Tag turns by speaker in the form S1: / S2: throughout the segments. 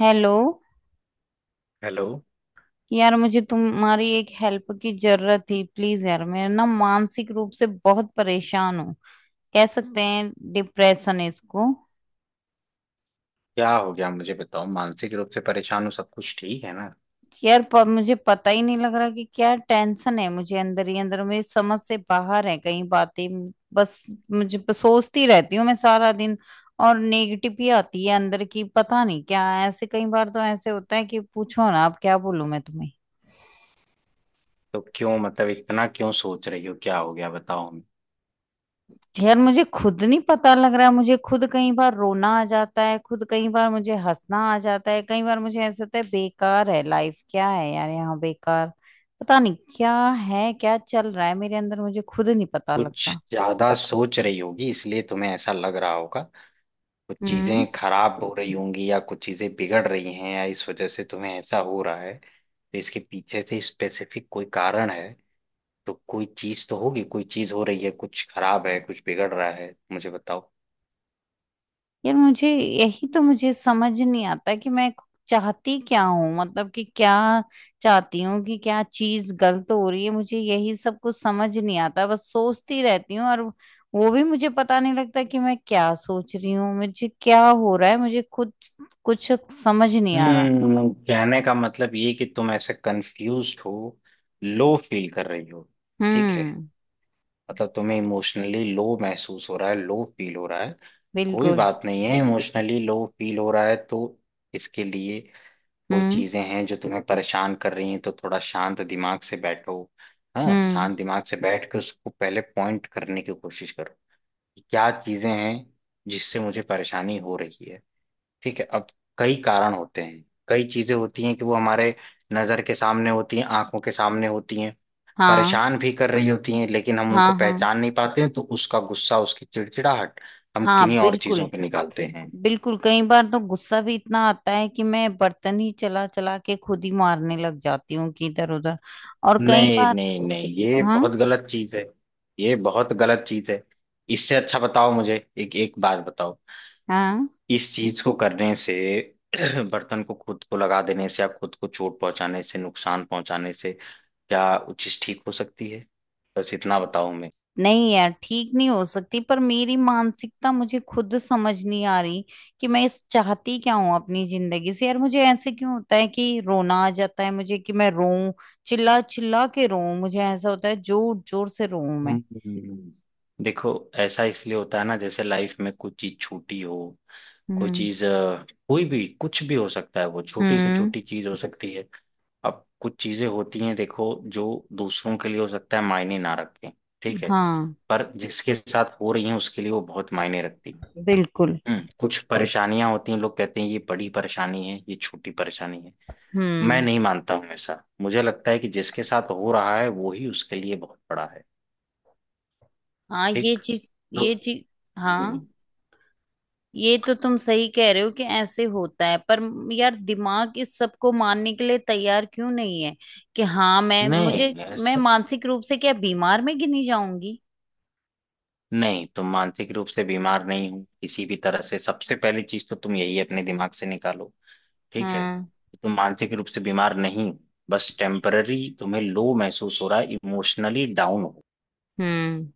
S1: Hello.
S2: Hello.
S1: यार मुझे तुम्हारी एक हेल्प की जरूरत थी। प्लीज यार, मैं ना मानसिक रूप से बहुत परेशान हूँ। कह सकते हैं डिप्रेशन है इसको।
S2: क्या हो गया? मुझे बताओ। मानसिक रूप से परेशान हो, सब कुछ ठीक है ना?
S1: यार मुझे पता ही नहीं लग रहा कि क्या टेंशन है मुझे। अंदर ही अंदर मेरी समझ से बाहर है कई बातें। बस मुझे बस सोचती रहती हूँ मैं सारा दिन। और नेगेटिव ही आती है अंदर की, पता नहीं क्या। ऐसे कई बार तो ऐसे होता है कि पूछो ना, अब क्या बोलूं मैं तुम्हें।
S2: तो क्यों, मतलब इतना क्यों सोच रही हो? क्या हो गया बताओ हमें।
S1: यार मुझे खुद नहीं पता लग रहा है। मुझे खुद कई बार रोना आ जाता है, खुद कई बार मुझे हंसना आ जाता है। कई बार मुझे ऐसा होता है बेकार है लाइफ, क्या है यार यहाँ, बेकार। पता नहीं क्या है, क्या चल रहा है मेरे अंदर, मुझे खुद नहीं पता
S2: कुछ
S1: लगता।
S2: ज्यादा सोच रही होगी इसलिए तुम्हें ऐसा लग रहा होगा। कुछ
S1: हम्म।
S2: चीजें खराब हो रही होंगी या कुछ चीजें बिगड़ रही हैं या इस वजह से तुम्हें ऐसा हो रहा है, तो इसके पीछे से स्पेसिफिक कोई कारण है? तो कोई चीज तो होगी, कोई चीज हो रही है, कुछ खराब है, कुछ बिगड़ रहा है, मुझे बताओ।
S1: यार मुझे यही तो मुझे समझ नहीं आता कि मैं चाहती क्या हूँ। मतलब कि क्या चाहती हूँ, कि क्या चीज गलत हो रही है, मुझे यही सब कुछ समझ नहीं आता। बस सोचती रहती हूँ, और वो भी मुझे पता नहीं लगता कि मैं क्या सोच रही हूँ, मुझे क्या हो रहा है। मुझे खुद कुछ समझ नहीं आ रहा।
S2: हम्म। कहने का मतलब ये कि तुम ऐसे कंफ्यूज हो, लो फील कर रही हो। ठीक है।
S1: हम्म।
S2: मतलब तुम्हें इमोशनली लो महसूस हो रहा है, लो फील हो रहा है। कोई
S1: बिल्कुल।
S2: बात नहीं है, इमोशनली लो फील हो रहा है तो इसके लिए कोई
S1: हम्म।
S2: चीजें हैं जो तुम्हें परेशान कर रही हैं, तो थोड़ा शांत दिमाग से बैठो। हाँ,
S1: हम्म।
S2: शांत दिमाग से बैठ कर उसको पहले पॉइंट करने की कोशिश करो कि क्या चीजें हैं जिससे मुझे परेशानी हो रही है। ठीक है। अब कई कारण होते हैं, कई चीजें होती हैं कि वो हमारे नजर के सामने होती हैं, आंखों के सामने होती हैं,
S1: हाँ।
S2: परेशान भी कर रही होती हैं, लेकिन हम उनको
S1: हाँ। हाँ
S2: पहचान नहीं पाते हैं तो उसका गुस्सा, उसकी चिड़चिड़ाहट हम
S1: हाँ।
S2: किन्हीं और चीजों
S1: बिल्कुल।
S2: पे निकालते हैं।
S1: बिल्कुल कई बार तो गुस्सा भी इतना आता है कि मैं बर्तन ही चला चला के खुद ही मारने लग जाती हूँ, कि इधर उधर। और कई
S2: नहीं
S1: बार।
S2: नहीं नहीं, ये
S1: हाँ।
S2: बहुत गलत चीज है। ये बहुत गलत चीज है। इससे अच्छा बताओ मुझे, एक एक बात बताओ।
S1: हाँ।
S2: इस चीज को करने से बर्तन को खुद को लगा देने से या खुद को चोट पहुंचाने से, नुकसान पहुंचाने से, क्या वो चीज ठीक हो सकती है? बस इतना बताऊं मैं।
S1: नहीं यार ठीक नहीं हो सकती, पर मेरी मानसिकता मुझे खुद समझ नहीं आ रही कि मैं इस चाहती क्या हूँ अपनी जिंदगी से। यार मुझे ऐसे क्यों होता है कि रोना आ जाता है मुझे, कि मैं रोऊं, चिल्ला चिल्ला के रोऊं। मुझे ऐसा होता है जोर जोर से रोऊं मैं।
S2: हम्म देखो, ऐसा इसलिए होता है ना, जैसे लाइफ में कुछ चीज छोटी हो, कोई
S1: हम्म।
S2: चीज कोई भी कुछ भी हो सकता है, वो छोटी से
S1: हम्म।
S2: छोटी चीज हो सकती है। अब कुछ चीजें होती हैं देखो, जो दूसरों के लिए हो सकता है मायने ना रखें। ठीक है।
S1: हाँ
S2: पर जिसके साथ हो रही है उसके लिए वो बहुत मायने रखती है।
S1: बिल्कुल।
S2: हम्म, कुछ और परेशानियां होती हैं, लोग कहते हैं ये बड़ी परेशानी है, ये छोटी परेशानी है। मैं
S1: हम्म।
S2: नहीं मानता हूं ऐसा, मुझे लगता है कि जिसके साथ हो रहा है वो ही उसके लिए बहुत बड़ा है।
S1: हाँ ये
S2: ठीक।
S1: चीज
S2: तो
S1: ये चीज।
S2: हम्म,
S1: हाँ ये तो तुम सही कह रहे हो कि ऐसे होता है, पर यार दिमाग इस सब को मानने के लिए तैयार क्यों नहीं है, कि हाँ
S2: नहीं,
S1: मैं
S2: ऐसा
S1: मानसिक रूप से क्या बीमार में गिनी जाऊंगी।
S2: नहीं। तुम मानसिक रूप से बीमार नहीं हो किसी भी तरह से, सबसे पहली चीज तो तुम यही अपने दिमाग से निकालो। ठीक है।
S1: हम्म।
S2: तुम मानसिक रूप से बीमार नहीं हो, बस टेम्पररी तुम्हें लो महसूस हो रहा है, इमोशनली डाउन हो।
S1: हम्म।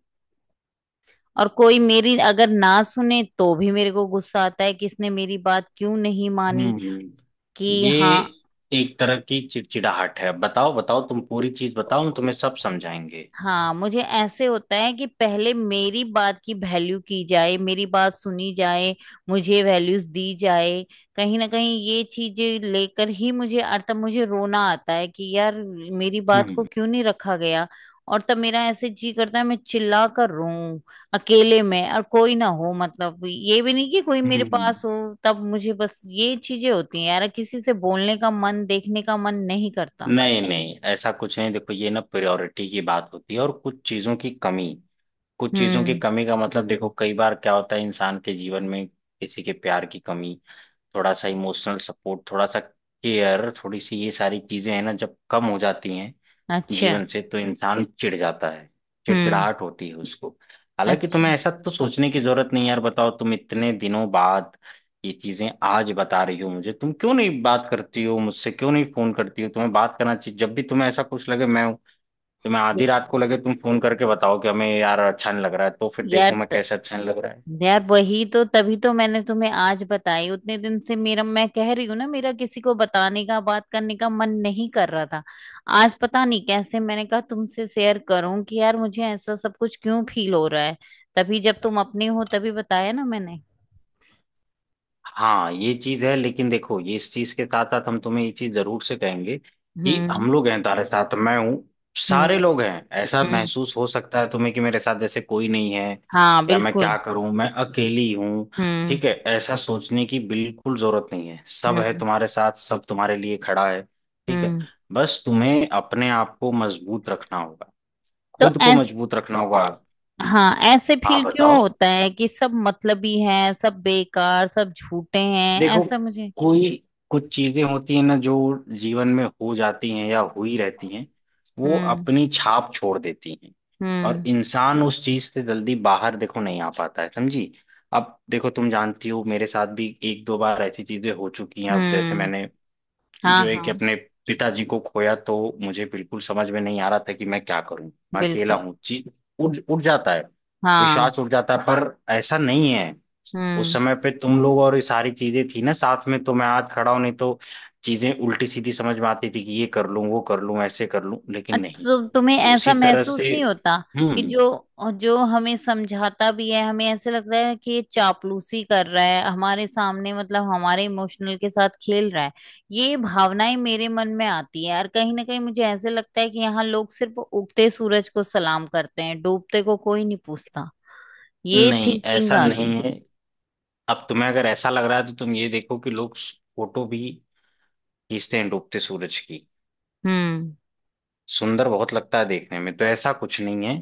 S1: और कोई मेरी अगर ना सुने तो भी मेरे को गुस्सा आता है कि इसने मेरी बात क्यों नहीं मानी।
S2: हम्म
S1: कि
S2: ये
S1: हाँ।
S2: एक तरह की चिड़चिड़ाहट है। बताओ बताओ, तुम पूरी चीज बताओ, हम तुम्हें सब समझाएंगे।
S1: हाँ मुझे ऐसे होता है कि पहले मेरी बात की वैल्यू की जाए, मेरी बात सुनी जाए, मुझे वैल्यूज दी जाए। कहीं ना कहीं ये चीजें लेकर ही मुझे, अर्थात मुझे रोना आता है कि यार मेरी बात को
S2: हम्म।
S1: क्यों नहीं रखा गया। और तब मेरा ऐसे जी करता है मैं चिल्ला कर रोऊं अकेले में, और कोई ना हो, मतलब ये भी नहीं कि कोई मेरे
S2: हम्म।
S1: पास हो। तब मुझे बस ये चीजें होती हैं, यार किसी से बोलने का मन, देखने का मन नहीं करता।
S2: नहीं नहीं, ऐसा कुछ नहीं। देखो, ये ना प्रायोरिटी की बात होती है और कुछ चीजों की कमी। कुछ चीजों की
S1: हम्म।
S2: कमी का मतलब, देखो कई बार क्या होता है, इंसान के जीवन में किसी के प्यार की कमी, थोड़ा सा इमोशनल सपोर्ट, थोड़ा सा केयर, थोड़ी सी ये सारी चीजें हैं ना, जब कम हो जाती हैं
S1: अच्छा।
S2: जीवन से तो इंसान चिढ़ जाता है,
S1: हम्म।
S2: चिड़चिड़ाहट होती है उसको। हालांकि
S1: अच्छा।
S2: तुम्हें ऐसा तो सोचने की जरूरत नहीं है यार। बताओ, तुम इतने दिनों बाद ये चीजें आज बता रही हो मुझे, तुम क्यों नहीं बात करती हो मुझसे? क्यों नहीं फोन करती हो? तुम्हें बात करना चाहिए, जब भी तुम्हें ऐसा कुछ लगे, मैं हूं। तुम्हें आधी
S1: य-
S2: रात को लगे, तुम फोन करके बताओ कि हमें यार अच्छा नहीं लग रहा है, तो फिर
S1: यार
S2: देखो मैं
S1: त,
S2: कैसे, अच्छा नहीं लग रहा है।
S1: यार वही तो, तभी तो मैंने तुम्हें आज बताई। उतने दिन से मेरा, मैं कह रही हूँ ना, मेरा किसी को बताने का, बात करने का मन नहीं कर रहा था। आज पता नहीं कैसे मैंने कहा तुमसे शेयर करूं कि यार मुझे ऐसा सब कुछ क्यों फील हो रहा है। तभी जब तुम अपने हो तभी बताया ना मैंने।
S2: हाँ, ये चीज है, लेकिन देखो, ये इस चीज के साथ साथ हम तुम्हें ये चीज जरूर से कहेंगे कि
S1: हम्म।
S2: हम लोग हैं तुम्हारे साथ, मैं हूँ। सारे
S1: हम्म।
S2: लोग हैं, ऐसा
S1: हम्म।
S2: महसूस हो सकता है तुम्हें कि मेरे साथ जैसे कोई नहीं है,
S1: हाँ
S2: या मैं क्या
S1: बिल्कुल।
S2: करूं, मैं अकेली हूँ।
S1: हम्म।
S2: ठीक है, ऐसा सोचने की बिल्कुल जरूरत नहीं है, सब है
S1: हम्म।
S2: तुम्हारे साथ, सब तुम्हारे लिए खड़ा है। ठीक है।
S1: हम्म।
S2: बस तुम्हें अपने आप को मजबूत रखना होगा,
S1: तो
S2: खुद को
S1: ऐस
S2: मजबूत रखना होगा।
S1: हाँ ऐसे
S2: हाँ
S1: फील क्यों
S2: बताओ,
S1: होता है कि सब मतलबी हैं, सब बेकार, सब झूठे हैं,
S2: देखो
S1: ऐसा मुझे।
S2: कोई, कुछ चीजें होती हैं ना जो जीवन में हो जाती हैं या हुई रहती हैं, वो
S1: हम्म।
S2: अपनी छाप छोड़ देती हैं। और
S1: हम्म।
S2: इंसान उस चीज से जल्दी बाहर, देखो, नहीं आ पाता है, समझी? अब देखो, तुम जानती हो मेरे साथ भी एक दो बार ऐसी चीजें हो चुकी हैं। अब जैसे
S1: हम्म।
S2: मैंने जो
S1: हाँ
S2: एक
S1: हाँ
S2: अपने पिताजी को खोया, तो मुझे बिल्कुल समझ में नहीं आ रहा था कि मैं क्या करूं, मैं अकेला
S1: बिल्कुल।
S2: हूं जी। उड़ उड़ जाता है,
S1: हाँ।
S2: विश्वास उड़ जाता है, पर ऐसा नहीं है। उस
S1: हम्म।
S2: समय पे तुम लोग और ये सारी चीजें थी ना साथ में, तो मैं आज खड़ा हूं, नहीं तो चीजें उल्टी सीधी समझ में आती थी कि ये कर लूं, वो कर लूं, ऐसे कर लूं, लेकिन
S1: अच्छा,
S2: नहीं।
S1: तो तुम्हें ऐसा
S2: उसी तरह
S1: महसूस
S2: से।
S1: नहीं होता कि
S2: हम्म।
S1: जो जो हमें समझाता भी है हमें ऐसे लगता है कि ये चापलूसी कर रहा है हमारे सामने, मतलब हमारे इमोशनल के साथ खेल रहा है। ये भावनाएं मेरे मन में आती है, और कहीं ना कहीं मुझे ऐसे लगता है कि यहाँ लोग सिर्फ उगते सूरज को सलाम करते हैं, डूबते को कोई नहीं पूछता। ये
S2: नहीं
S1: थिंकिंग
S2: ऐसा
S1: आ
S2: नहीं
S1: गई।
S2: है। अब तुम्हें अगर ऐसा लग रहा है तो तुम ये देखो कि लोग फोटो भी खींचते हैं डूबते सूरज की,
S1: हम्म।
S2: सुंदर बहुत लगता है देखने में, तो ऐसा कुछ नहीं है।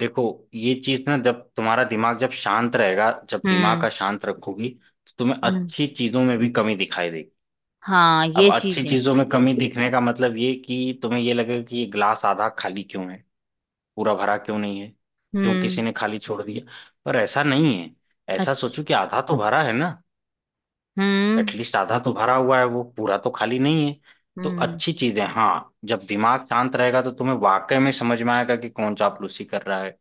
S2: देखो, ये चीज ना, जब तुम्हारा दिमाग जब शांत रहेगा, जब दिमाग
S1: हम्म।
S2: का शांत रखोगी तो तुम्हें
S1: हम्म।
S2: अच्छी चीजों में भी कमी दिखाई देगी।
S1: हाँ
S2: अब
S1: ये
S2: अच्छी
S1: चीज है।
S2: चीजों में कमी दिखने का मतलब ये कि तुम्हें ये लगेगा कि ये ग्लास आधा खाली क्यों है, पूरा भरा क्यों नहीं है, क्यों किसी
S1: हम्म।
S2: ने खाली छोड़ दिया। पर ऐसा नहीं है, ऐसा
S1: अच्छा।
S2: सोचो कि आधा तो भरा है ना,
S1: हम्म।
S2: एटलीस्ट आधा तो भरा हुआ है, वो पूरा तो खाली नहीं है। तो
S1: हम्म।
S2: अच्छी चीज है, हाँ। जब दिमाग शांत रहेगा तो तुम्हें वाकई में समझ में आएगा कि कौन चापलूसी कर रहा है,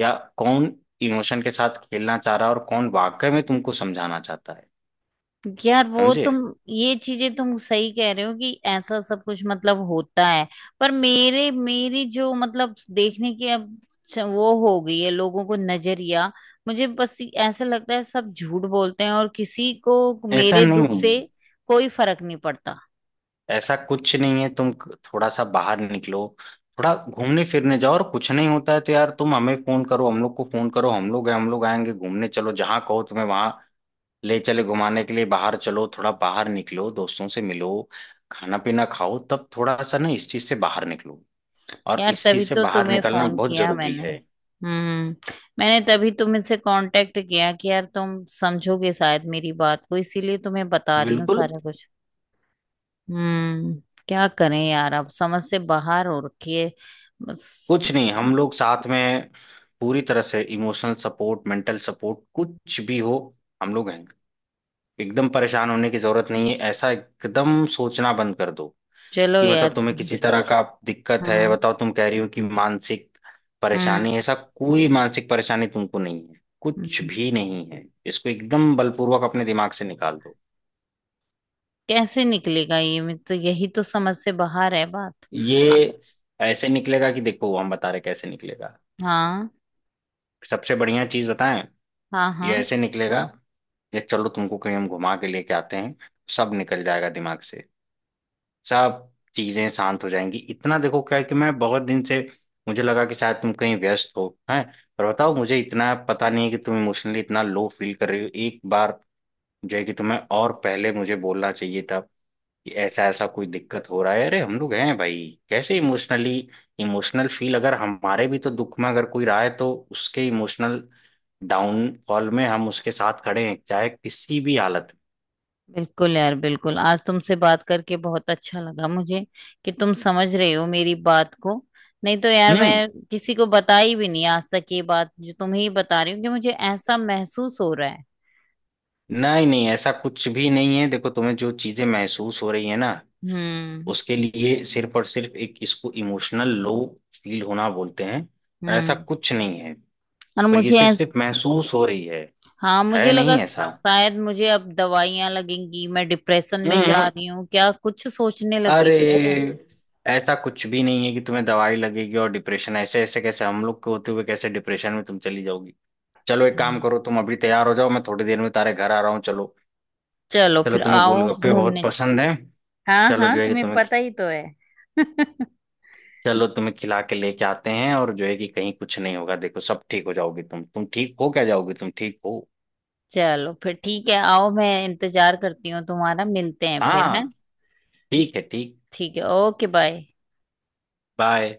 S2: या कौन इमोशन के साथ खेलना चाह रहा है, और कौन वाकई में तुमको समझाना चाहता है,
S1: यार वो
S2: समझे?
S1: तुम ये चीजें तुम सही कह रहे हो कि ऐसा सब कुछ मतलब होता है, पर मेरे, मेरी जो मतलब देखने की अब वो हो गई है लोगों को नजरिया। मुझे बस ऐसा लगता है सब झूठ बोलते हैं, और किसी को
S2: ऐसा
S1: मेरे
S2: नहीं
S1: दुख
S2: है,
S1: से कोई फर्क नहीं पड़ता।
S2: ऐसा कुछ नहीं है। तुम थोड़ा सा बाहर निकलो, थोड़ा घूमने फिरने जाओ, और कुछ नहीं होता है तो यार तुम हमें फोन करो, हम लोग को फोन करो, हम लोग हैं, हम लोग आएंगे घूमने, चलो जहां कहो तुम्हें, वहां ले चले घुमाने के लिए। बाहर चलो, थोड़ा बाहर निकलो, दोस्तों से मिलो, खाना पीना खाओ, तब थोड़ा सा ना इस चीज से बाहर निकलो। और
S1: यार
S2: इस
S1: तभी
S2: चीज से
S1: तो
S2: बाहर
S1: तुम्हें
S2: निकलना
S1: फोन
S2: बहुत
S1: किया
S2: जरूरी
S1: मैंने।
S2: है।
S1: हम्म। मैंने तभी तुमसे कांटेक्ट किया कि यार तुम समझोगे शायद मेरी बात को, इसीलिए तुम्हें बता रही हूँ
S2: बिल्कुल
S1: सारा कुछ। हम्म। क्या करें यार, अब समझ से बाहर हो रखी है।
S2: कुछ
S1: बस-
S2: नहीं, हम लोग साथ में पूरी तरह से इमोशनल सपोर्ट, मेंटल सपोर्ट, कुछ भी हो, हम लोग हैं। एकदम परेशान होने की जरूरत नहीं है, ऐसा एकदम सोचना बंद कर दो
S1: चलो
S2: कि मतलब
S1: यार।
S2: तुम्हें किसी तरह का दिक्कत है।
S1: हाँ।
S2: बताओ, तुम कह रही हो कि मानसिक
S1: हम्म।
S2: परेशानी है, ऐसा कोई मानसिक परेशानी तुमको नहीं है, कुछ
S1: हम्म,
S2: भी नहीं है, इसको एकदम बलपूर्वक अपने दिमाग से निकाल दो।
S1: कैसे निकलेगा ये, मैं तो यही तो समझ से बाहर है बात। आ-
S2: ये ऐसे निकलेगा कि देखो, हम बता रहे कैसे निकलेगा।
S1: हाँ।
S2: सबसे बढ़िया चीज बताएं,
S1: हाँ।
S2: ये
S1: हाँ
S2: ऐसे निकलेगा। ये चलो, तुमको कहीं हम घुमा के लेके आते हैं, सब निकल जाएगा दिमाग से, सब चीजें शांत हो जाएंगी। इतना देखो क्या है कि मैं बहुत दिन से, मुझे लगा कि शायद तुम कहीं व्यस्त हो। हैं, पर बताओ मुझे, इतना पता नहीं है कि तुम इमोशनली इतना लो फील कर रही हो। एक बार जो है कि तुम्हें, और पहले मुझे बोलना चाहिए था कि ऐसा ऐसा कोई दिक्कत हो रहा है, अरे हम लोग हैं भाई। कैसे इमोशनली, इमोशनल फील, अगर हमारे भी तो दुख में अगर कोई रहा है तो उसके इमोशनल डाउनफॉल में हम उसके साथ खड़े हैं, चाहे किसी भी हालत
S1: बिल्कुल। यार बिल्कुल आज तुमसे बात करके बहुत अच्छा लगा मुझे, कि तुम समझ रहे हो मेरी बात को। नहीं तो यार
S2: में।
S1: मैं किसी को बताई भी नहीं आज तक ये बात, जो तुम्हें ही बता रही हूँ कि मुझे ऐसा महसूस हो रहा है।
S2: नहीं नहीं, ऐसा कुछ भी नहीं है। देखो, तुम्हें जो चीजें महसूस हो रही है ना,
S1: हम्म।
S2: उसके लिए सिर्फ और सिर्फ एक, इसको इमोशनल लो फील होना बोलते हैं, और ऐसा
S1: हम्म।
S2: कुछ नहीं है,
S1: और
S2: पर ये
S1: मुझे
S2: सिर्फ
S1: ऐस-
S2: सिर्फ महसूस हो रही है
S1: हाँ
S2: है
S1: मुझे लगा
S2: नहीं ऐसा।
S1: शायद मुझे अब दवाइयां लगेंगी, मैं डिप्रेशन में जा
S2: हम्म
S1: रही हूँ क्या, कुछ सोचने लगी
S2: अरे,
S1: थी यार मैं।
S2: ऐसा कुछ भी नहीं है कि तुम्हें दवाई लगेगी और डिप्रेशन, ऐसे ऐसे कैसे, हम लोग के होते हुए कैसे डिप्रेशन में तुम चली जाओगी। चलो एक काम
S1: हम्म।
S2: करो, तुम अभी तैयार हो जाओ, मैं थोड़ी देर में तुम्हारे घर आ रहा हूँ। चलो,
S1: चलो
S2: चलो
S1: फिर
S2: तुम्हें
S1: आओ
S2: गोलगप्पे बहुत
S1: घूमने।
S2: पसंद है।
S1: हाँ
S2: चलो जो
S1: हाँ
S2: है कि
S1: तुम्हें
S2: तुम्हें,
S1: पता ही तो है।
S2: चलो तुम्हें खिला के लेके आते हैं, और जो है कि कहीं कुछ नहीं होगा, देखो सब ठीक हो जाओगी तुम ठीक हो क्या, जाओगी, तुम ठीक हो।
S1: चलो फिर ठीक है, आओ मैं इंतजार करती हूँ तुम्हारा, मिलते हैं फिर हैं।
S2: हाँ, ठीक है ठीक।
S1: ठीक है, ओके बाय।
S2: बाय।